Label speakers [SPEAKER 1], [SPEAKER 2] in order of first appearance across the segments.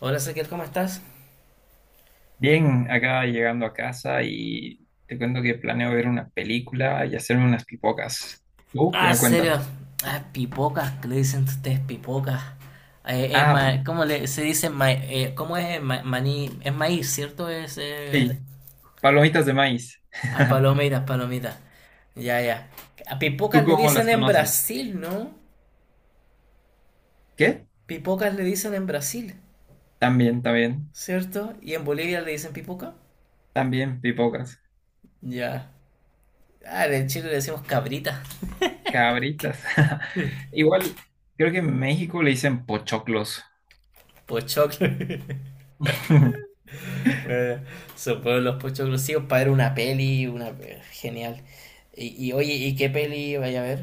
[SPEAKER 1] Hola Ezequiel, ¿cómo estás?
[SPEAKER 2] Bien, acá llegando a casa y te cuento que planeo ver una película y hacerme unas pipocas. ¿Tú qué
[SPEAKER 1] Ah,
[SPEAKER 2] me cuentas?
[SPEAKER 1] serio. Ah, pipocas, que le dicen ustedes pipocas. Es
[SPEAKER 2] Ah,
[SPEAKER 1] ¿Cómo se dice? ¿Cómo es maní? Es maíz, ¿cierto? Es
[SPEAKER 2] sí, palomitas de maíz.
[SPEAKER 1] Ah, palomitas. Ya. A
[SPEAKER 2] ¿Tú
[SPEAKER 1] pipocas le
[SPEAKER 2] cómo
[SPEAKER 1] dicen
[SPEAKER 2] las
[SPEAKER 1] en
[SPEAKER 2] conoces?
[SPEAKER 1] Brasil, ¿no?
[SPEAKER 2] ¿Qué?
[SPEAKER 1] Pipocas le dicen en Brasil,
[SPEAKER 2] También, también,
[SPEAKER 1] ¿cierto? Y en Bolivia le dicen pipoca.
[SPEAKER 2] también pipocas,
[SPEAKER 1] Ya. Ah, en Chile le decimos cabrita,
[SPEAKER 2] cabritas. Igual, creo que en México le dicen pochoclos.
[SPEAKER 1] pochoclo. Eh, Sobre los puestos exclusivos para ver una peli, una genial. Oye, ¿y qué peli vaya a ver?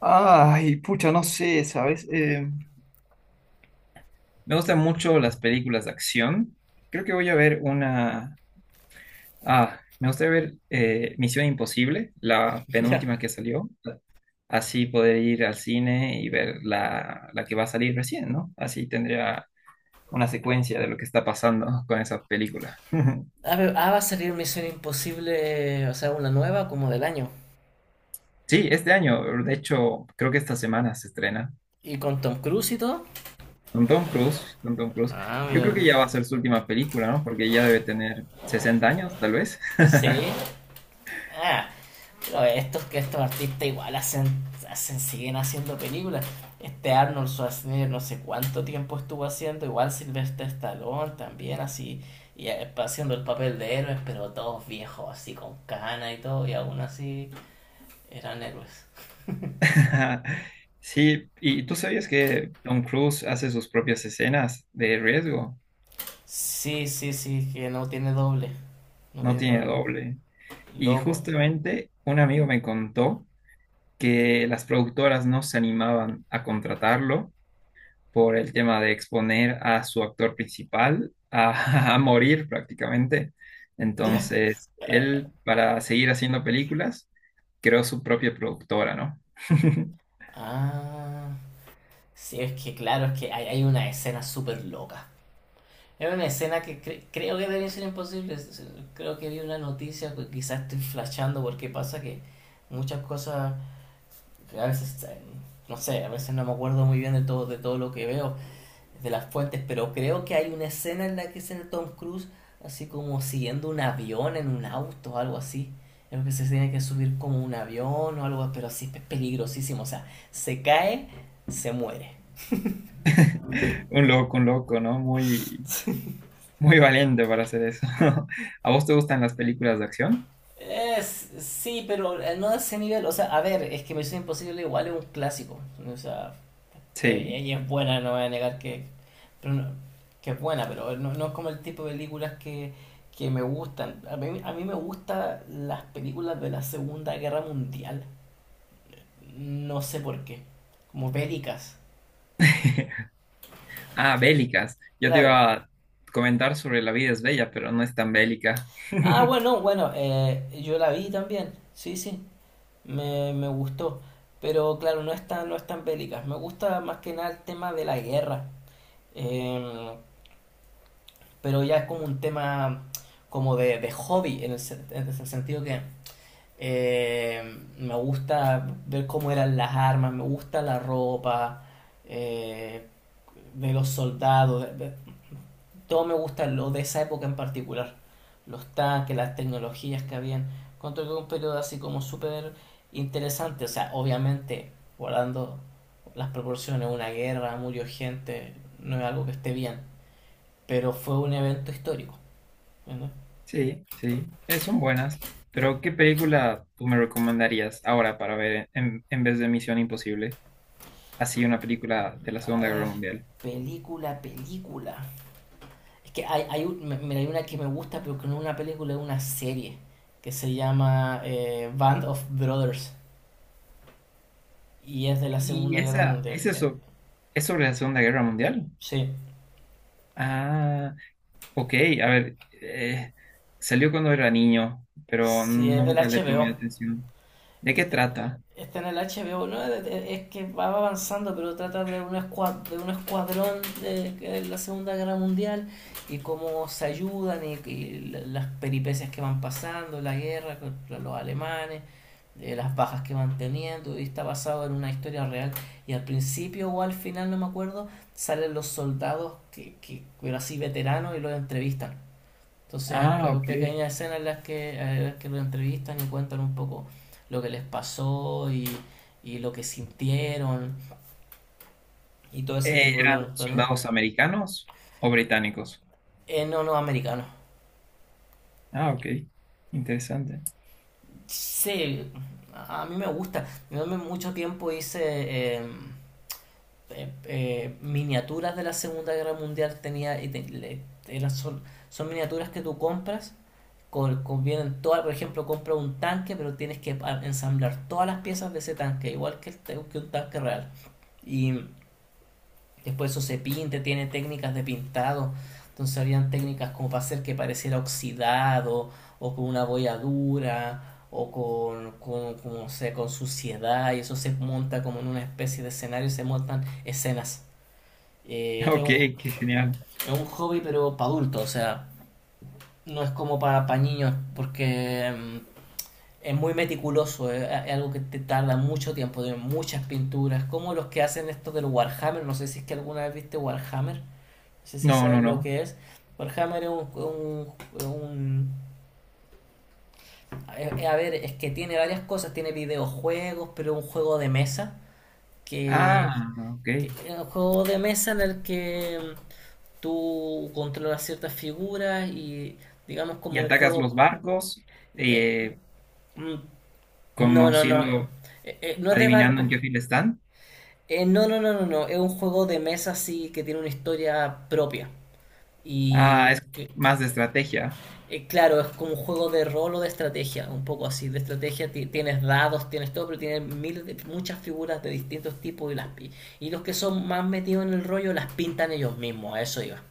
[SPEAKER 2] Ay, pucha, no sé, ¿sabes? Me gustan mucho las películas de acción. Creo que voy a ver una. Ah, me gustaría ver Misión Imposible, la
[SPEAKER 1] Ya.
[SPEAKER 2] penúltima que salió. Así poder ir al cine y ver la que va a salir recién, ¿no? Así tendría una secuencia de lo que está pasando con esa película.
[SPEAKER 1] Ah, va a salir Misión Imposible, o sea, una nueva como del año.
[SPEAKER 2] Sí, este año, de hecho, creo que esta semana se estrena
[SPEAKER 1] Y con Tom Cruise y todo.
[SPEAKER 2] con Tom Cruise, con Tom Cruise.
[SPEAKER 1] Ah,
[SPEAKER 2] Yo
[SPEAKER 1] mira.
[SPEAKER 2] creo que ya va a ser su última película, ¿no? Porque ya debe tener 60 años, tal vez.
[SPEAKER 1] Sí. Ah, pero estos que estos artistas igual siguen haciendo películas. Este Arnold Schwarzenegger no sé cuánto tiempo estuvo haciendo, igual Sylvester Stallone también así, y haciendo el papel de héroes, pero todos viejos así con cana y todo, y aún así eran héroes.
[SPEAKER 2] Sí, ¿y tú sabías que Tom Cruise hace sus propias escenas de riesgo?
[SPEAKER 1] Sí, sí, que no tiene doble. No
[SPEAKER 2] No
[SPEAKER 1] tiene
[SPEAKER 2] tiene
[SPEAKER 1] doble.
[SPEAKER 2] doble. Y
[SPEAKER 1] Loco.
[SPEAKER 2] justamente un amigo me contó que las productoras no se animaban a contratarlo por el tema de exponer a su actor principal a, a morir prácticamente.
[SPEAKER 1] Ya.
[SPEAKER 2] Entonces, él, para seguir haciendo películas, creó su propia productora, ¿no?
[SPEAKER 1] Ah. Sí, es que claro, es que hay una escena súper loca. Era una escena que creo que debe ser imposible. Creo que vi una noticia, pues, quizás estoy flashando porque pasa que muchas cosas, a veces, no sé, a veces no me acuerdo muy bien de todo lo que veo, de las fuentes, pero creo que hay una escena en la que sale Tom Cruise así como siguiendo un avión en un auto algo así. Creo que se tiene que subir como un avión o algo, pero así es peligrosísimo. O sea, se cae, se muere.
[SPEAKER 2] Un loco, ¿no? Muy, muy valiente para hacer eso. ¿A vos te gustan las películas de acción?
[SPEAKER 1] Es, sí, pero no a ese nivel. O sea, a ver, es que Misión Imposible igual es un clásico. O sea,
[SPEAKER 2] Sí.
[SPEAKER 1] ella es buena, no voy a negar pero que es buena, pero no, no es como el tipo de películas que me gustan. A mí me gustan las películas de la Segunda Guerra Mundial. No sé por qué. Como bélicas.
[SPEAKER 2] Ah, bélicas. Yo te
[SPEAKER 1] Claro.
[SPEAKER 2] iba a comentar sobre La vida es bella, pero no es tan bélica.
[SPEAKER 1] Ah, bueno, yo la vi también. Sí. Me gustó. Pero claro, no es tan, no es tan bélicas. Me gusta más que nada el tema de la guerra. Eh, pero ya es como un tema como de hobby, en en el sentido que me gusta ver cómo eran las armas, me gusta la ropa eh, de los soldados, todo me gusta lo de esa época en particular. Los tanques, las tecnologías que habían. Encuentro que es un periodo así como súper interesante. O sea, obviamente, guardando las proporciones, una guerra, murió gente, no es algo que esté bien. Pero fue un evento histórico. ¿Verdad?
[SPEAKER 2] Sí, sí, son buenas. Pero, ¿qué película tú me recomendarías ahora para ver en vez de Misión Imposible? Así, una película de la
[SPEAKER 1] A
[SPEAKER 2] Segunda Guerra
[SPEAKER 1] ver,
[SPEAKER 2] Mundial.
[SPEAKER 1] película. Es que mira, hay una que me gusta, pero que no es una película, es una serie. Que se llama Band of Brothers. Y es de la
[SPEAKER 2] ¿Y
[SPEAKER 1] Segunda Guerra
[SPEAKER 2] esa,
[SPEAKER 1] Mundial.
[SPEAKER 2] es eso, es sobre la Segunda Guerra Mundial?
[SPEAKER 1] Sí.
[SPEAKER 2] Ah, ok, a ver, salió cuando era niño, pero
[SPEAKER 1] Sí, es del
[SPEAKER 2] nunca le
[SPEAKER 1] HBO.
[SPEAKER 2] tomé atención. ¿De qué
[SPEAKER 1] Este,
[SPEAKER 2] trata?
[SPEAKER 1] está en el HBO, ¿no? Es que va avanzando, pero trata de de un escuadrón de la Segunda Guerra Mundial y cómo se ayudan y las peripecias que van pasando, la guerra contra los alemanes, las bajas que van teniendo, y está basado en una historia real. Y al principio o al final, no me acuerdo, salen los soldados, pero así veteranos, y los entrevistan. Entonces
[SPEAKER 2] Ah,
[SPEAKER 1] hay
[SPEAKER 2] ok.
[SPEAKER 1] pequeñas escenas en las que lo entrevistan y cuentan un poco lo que les pasó y lo que sintieron y todo ese tipo de
[SPEAKER 2] ¿Eran
[SPEAKER 1] cuestiones.
[SPEAKER 2] soldados americanos o británicos?
[SPEAKER 1] No, no, americano.
[SPEAKER 2] Ah, ok. Interesante.
[SPEAKER 1] Sí, a mí me gusta. Yo en mucho tiempo hice miniaturas de la Segunda Guerra Mundial. Tenía, y te- le- era- son, son miniaturas que tú compras convienen todas, por ejemplo, compra un tanque, pero tienes que ensamblar todas las piezas de ese tanque, igual que un tanque real. Y después eso se pinte, tiene técnicas de pintado. Entonces habían técnicas como para hacer que pareciera oxidado, o con una bolladura, o con, no sé, con suciedad, y eso se monta como en una especie de escenario, se montan escenas. Eh, es
[SPEAKER 2] Ok,
[SPEAKER 1] un,
[SPEAKER 2] qué genial.
[SPEAKER 1] es un hobby, pero para adultos, o sea, no es como para niños, porque es muy meticuloso, es algo que te tarda mucho tiempo, tiene muchas pinturas, como los que hacen esto del Warhammer, no sé si es que alguna vez viste Warhammer, no sé si
[SPEAKER 2] No, no,
[SPEAKER 1] saben lo
[SPEAKER 2] no.
[SPEAKER 1] que es. Warhammer es un... un es, a ver, es que tiene varias cosas, tiene videojuegos, pero es un juego de mesa, que,
[SPEAKER 2] Ah, ok.
[SPEAKER 1] que es un juego de mesa en el que tú controlas ciertas figuras y digamos
[SPEAKER 2] ¿Y
[SPEAKER 1] como un
[SPEAKER 2] atacas los
[SPEAKER 1] juego...
[SPEAKER 2] barcos
[SPEAKER 1] eh,
[SPEAKER 2] eh,
[SPEAKER 1] mm, no, no, no, eh,
[SPEAKER 2] conociendo,
[SPEAKER 1] no es de
[SPEAKER 2] adivinando en
[SPEAKER 1] barco.
[SPEAKER 2] qué fila están?
[SPEAKER 1] No. Es un juego de mesa así que tiene una historia propia. Y
[SPEAKER 2] Ah, es
[SPEAKER 1] que-
[SPEAKER 2] más de estrategia.
[SPEAKER 1] claro, es como un juego de rol o de estrategia, un poco así. De estrategia tienes dados, tienes todo, pero tienes miles de, muchas figuras de distintos tipos y y los que son más metidos en el rollo las pintan ellos mismos, a eso iba.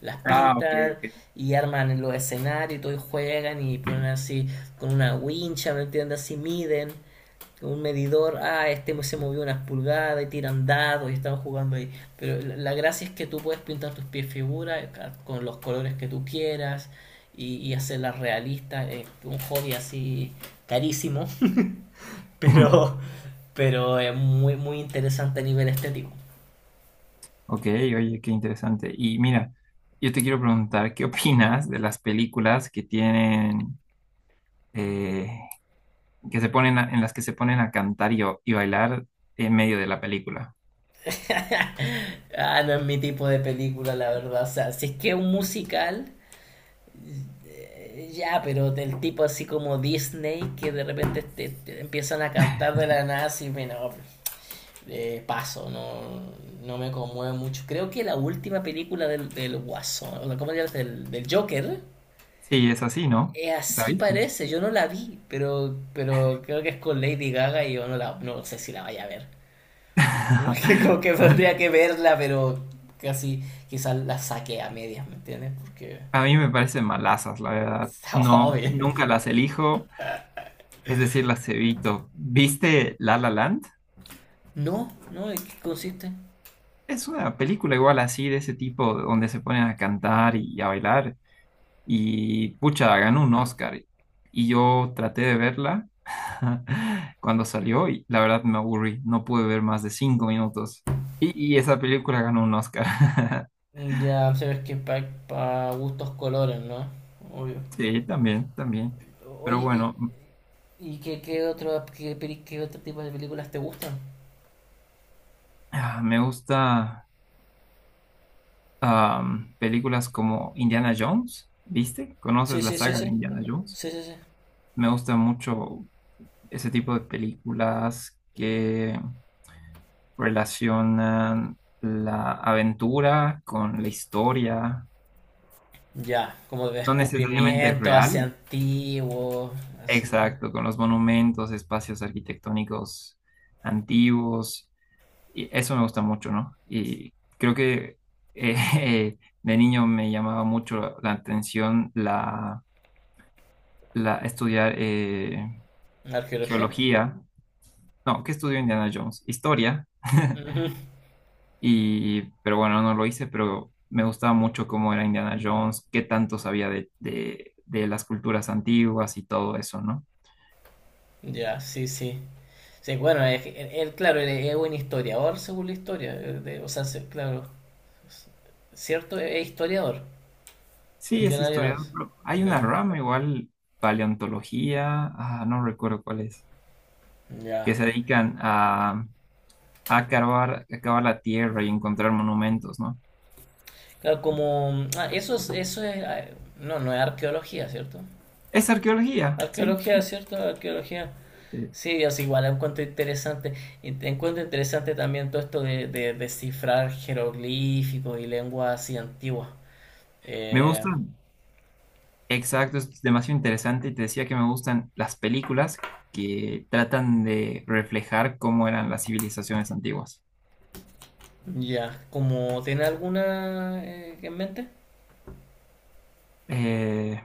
[SPEAKER 1] Las
[SPEAKER 2] Ah, ok,
[SPEAKER 1] pintan
[SPEAKER 2] ok.
[SPEAKER 1] y arman los escenarios y todo y juegan y ponen así con una wincha, ¿me entiendes? Así miden un medidor, ah, este se movió unas pulgadas y tiran dados y estamos jugando ahí. Pero la gracia es que tú puedes pintar tus pies figuras con los colores que tú quieras y hacerlas realistas. Es un hobby así carísimo, pero, pero es muy interesante a nivel estético.
[SPEAKER 2] Ok, oye, qué interesante. Y mira, yo te quiero preguntar, ¿qué opinas de las películas que tienen, eh, que se ponen en las que se ponen a cantar y bailar en medio de la película?
[SPEAKER 1] ah, no es mi tipo de película, la verdad. O sea, si es que es un musical, ya, pero del tipo así como Disney, que de repente te empiezan a cantar de la nada, y bueno, paso, no, no me conmueve mucho. Creo que la última película del Guasón, o sea, ¿cómo se llama? Del Joker,
[SPEAKER 2] Sí, es así, ¿no? ¿La
[SPEAKER 1] así
[SPEAKER 2] viste?
[SPEAKER 1] parece, yo no la vi, pero creo que es con Lady Gaga y yo no sé si la vaya a ver. Como que tendría que verla, pero casi quizás la saqué a medias, ¿me entiendes? Porque
[SPEAKER 2] A mí me parecen malazas, la verdad.
[SPEAKER 1] está
[SPEAKER 2] No,
[SPEAKER 1] obvio.
[SPEAKER 2] nunca las elijo, es decir, las evito. ¿Viste La La Land?
[SPEAKER 1] No, no, ¿en qué consiste?
[SPEAKER 2] Es una película igual así, de ese tipo, donde se ponen a cantar y a bailar. Y pucha, ganó un Oscar. Y yo traté de verla cuando salió y la verdad me aburrí. No pude ver más de 5 minutos. Y esa película ganó un Oscar.
[SPEAKER 1] Ya, sabes que para pa gustos colores, ¿no? Obvio.
[SPEAKER 2] Sí, también, también. Pero
[SPEAKER 1] Oye,
[SPEAKER 2] bueno,
[SPEAKER 1] ¿y qué otro tipo de películas te gustan?
[SPEAKER 2] ah, me gusta películas como Indiana Jones, ¿viste?
[SPEAKER 1] Sí,
[SPEAKER 2] ¿Conoces la
[SPEAKER 1] sí, sí,
[SPEAKER 2] saga de
[SPEAKER 1] sí.
[SPEAKER 2] Indiana Jones?
[SPEAKER 1] Sí, sí.
[SPEAKER 2] Me gusta mucho ese tipo de películas que relacionan la aventura con la historia,
[SPEAKER 1] Ya, como de
[SPEAKER 2] no necesariamente
[SPEAKER 1] descubrimiento hacia
[SPEAKER 2] real,
[SPEAKER 1] antiguo, así.
[SPEAKER 2] exacto, con los monumentos, espacios arquitectónicos antiguos, y eso me gusta mucho, ¿no? Y creo que eh, de niño me llamaba mucho la atención la estudiar
[SPEAKER 1] ¿Arqueología?
[SPEAKER 2] geología, no, ¿qué estudió Indiana Jones? Historia.
[SPEAKER 1] Ujú.
[SPEAKER 2] Y, pero bueno, no lo hice, pero me gustaba mucho cómo era Indiana Jones, qué tanto sabía de las culturas antiguas y todo eso, ¿no?
[SPEAKER 1] Ya, sí. Sí, bueno, es que él, claro, él es un historiador según la historia. O sea, claro. s- ¿Cierto? Es historiador.
[SPEAKER 2] Sí, es
[SPEAKER 1] Indiana
[SPEAKER 2] historiador.
[SPEAKER 1] Jones.
[SPEAKER 2] Pero hay
[SPEAKER 1] Eh,
[SPEAKER 2] una rama igual, paleontología, ah, no recuerdo cuál es,
[SPEAKER 1] Ya.
[SPEAKER 2] que se dedican a cavar la tierra y encontrar monumentos, ¿no?
[SPEAKER 1] Claro, eso es. No, no es arqueología, ¿cierto?
[SPEAKER 2] Es arqueología, sí.
[SPEAKER 1] Arqueología, ¿cierto? Arqueología.
[SPEAKER 2] Eh,
[SPEAKER 1] Sí, o sea, igual encuentro interesante, y te encuentro interesante también todo esto de descifrar jeroglíficos y lenguas así antiguas.
[SPEAKER 2] me
[SPEAKER 1] Eh,
[SPEAKER 2] gusta. Exacto, es demasiado interesante y te decía que me gustan las películas que tratan de reflejar cómo eran las civilizaciones antiguas.
[SPEAKER 1] ya, como tiene alguna en mente?
[SPEAKER 2] Eh,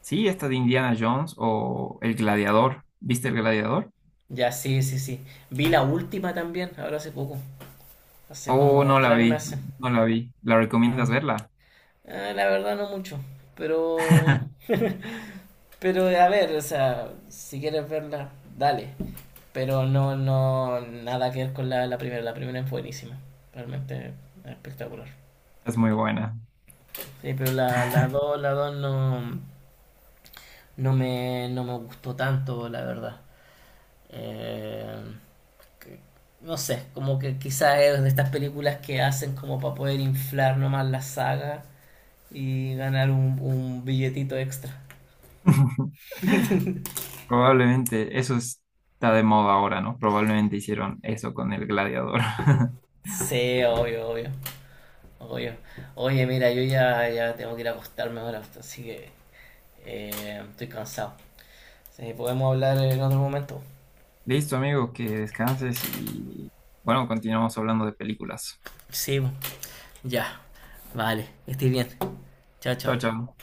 [SPEAKER 2] sí, esta de Indiana Jones o El Gladiador. ¿Viste El Gladiador?
[SPEAKER 1] Ya, sí. Vi la última también, ahora hace poco, hace
[SPEAKER 2] Oh,
[SPEAKER 1] como
[SPEAKER 2] no la
[SPEAKER 1] tres
[SPEAKER 2] vi,
[SPEAKER 1] meses.
[SPEAKER 2] no la vi. ¿La
[SPEAKER 1] Ah,
[SPEAKER 2] recomiendas verla?
[SPEAKER 1] la verdad no mucho, pero, pero a ver, o sea, si quieres verla, dale. Pero no, nada que ver con la primera. La primera es buenísima. Realmente espectacular.
[SPEAKER 2] Es muy buena.
[SPEAKER 1] Sí, pero la, la 2 no me gustó tanto, la verdad. Eh, que- no sé, como que quizás es de estas películas que hacen como para poder inflar nomás la saga y ganar un billetito extra.
[SPEAKER 2] Probablemente eso está de moda ahora, ¿no? Probablemente hicieron eso con El Gladiador.
[SPEAKER 1] Sí, obvio. Oye, mira, yo ya tengo que ir a acostarme ahora, así que estoy cansado. Sí, podemos hablar en otro momento.
[SPEAKER 2] Listo, amigo, que descanses y bueno, continuamos hablando de películas.
[SPEAKER 1] Sí, ya. Vale, estoy bien. Chao,
[SPEAKER 2] Chao,
[SPEAKER 1] chao.
[SPEAKER 2] chao.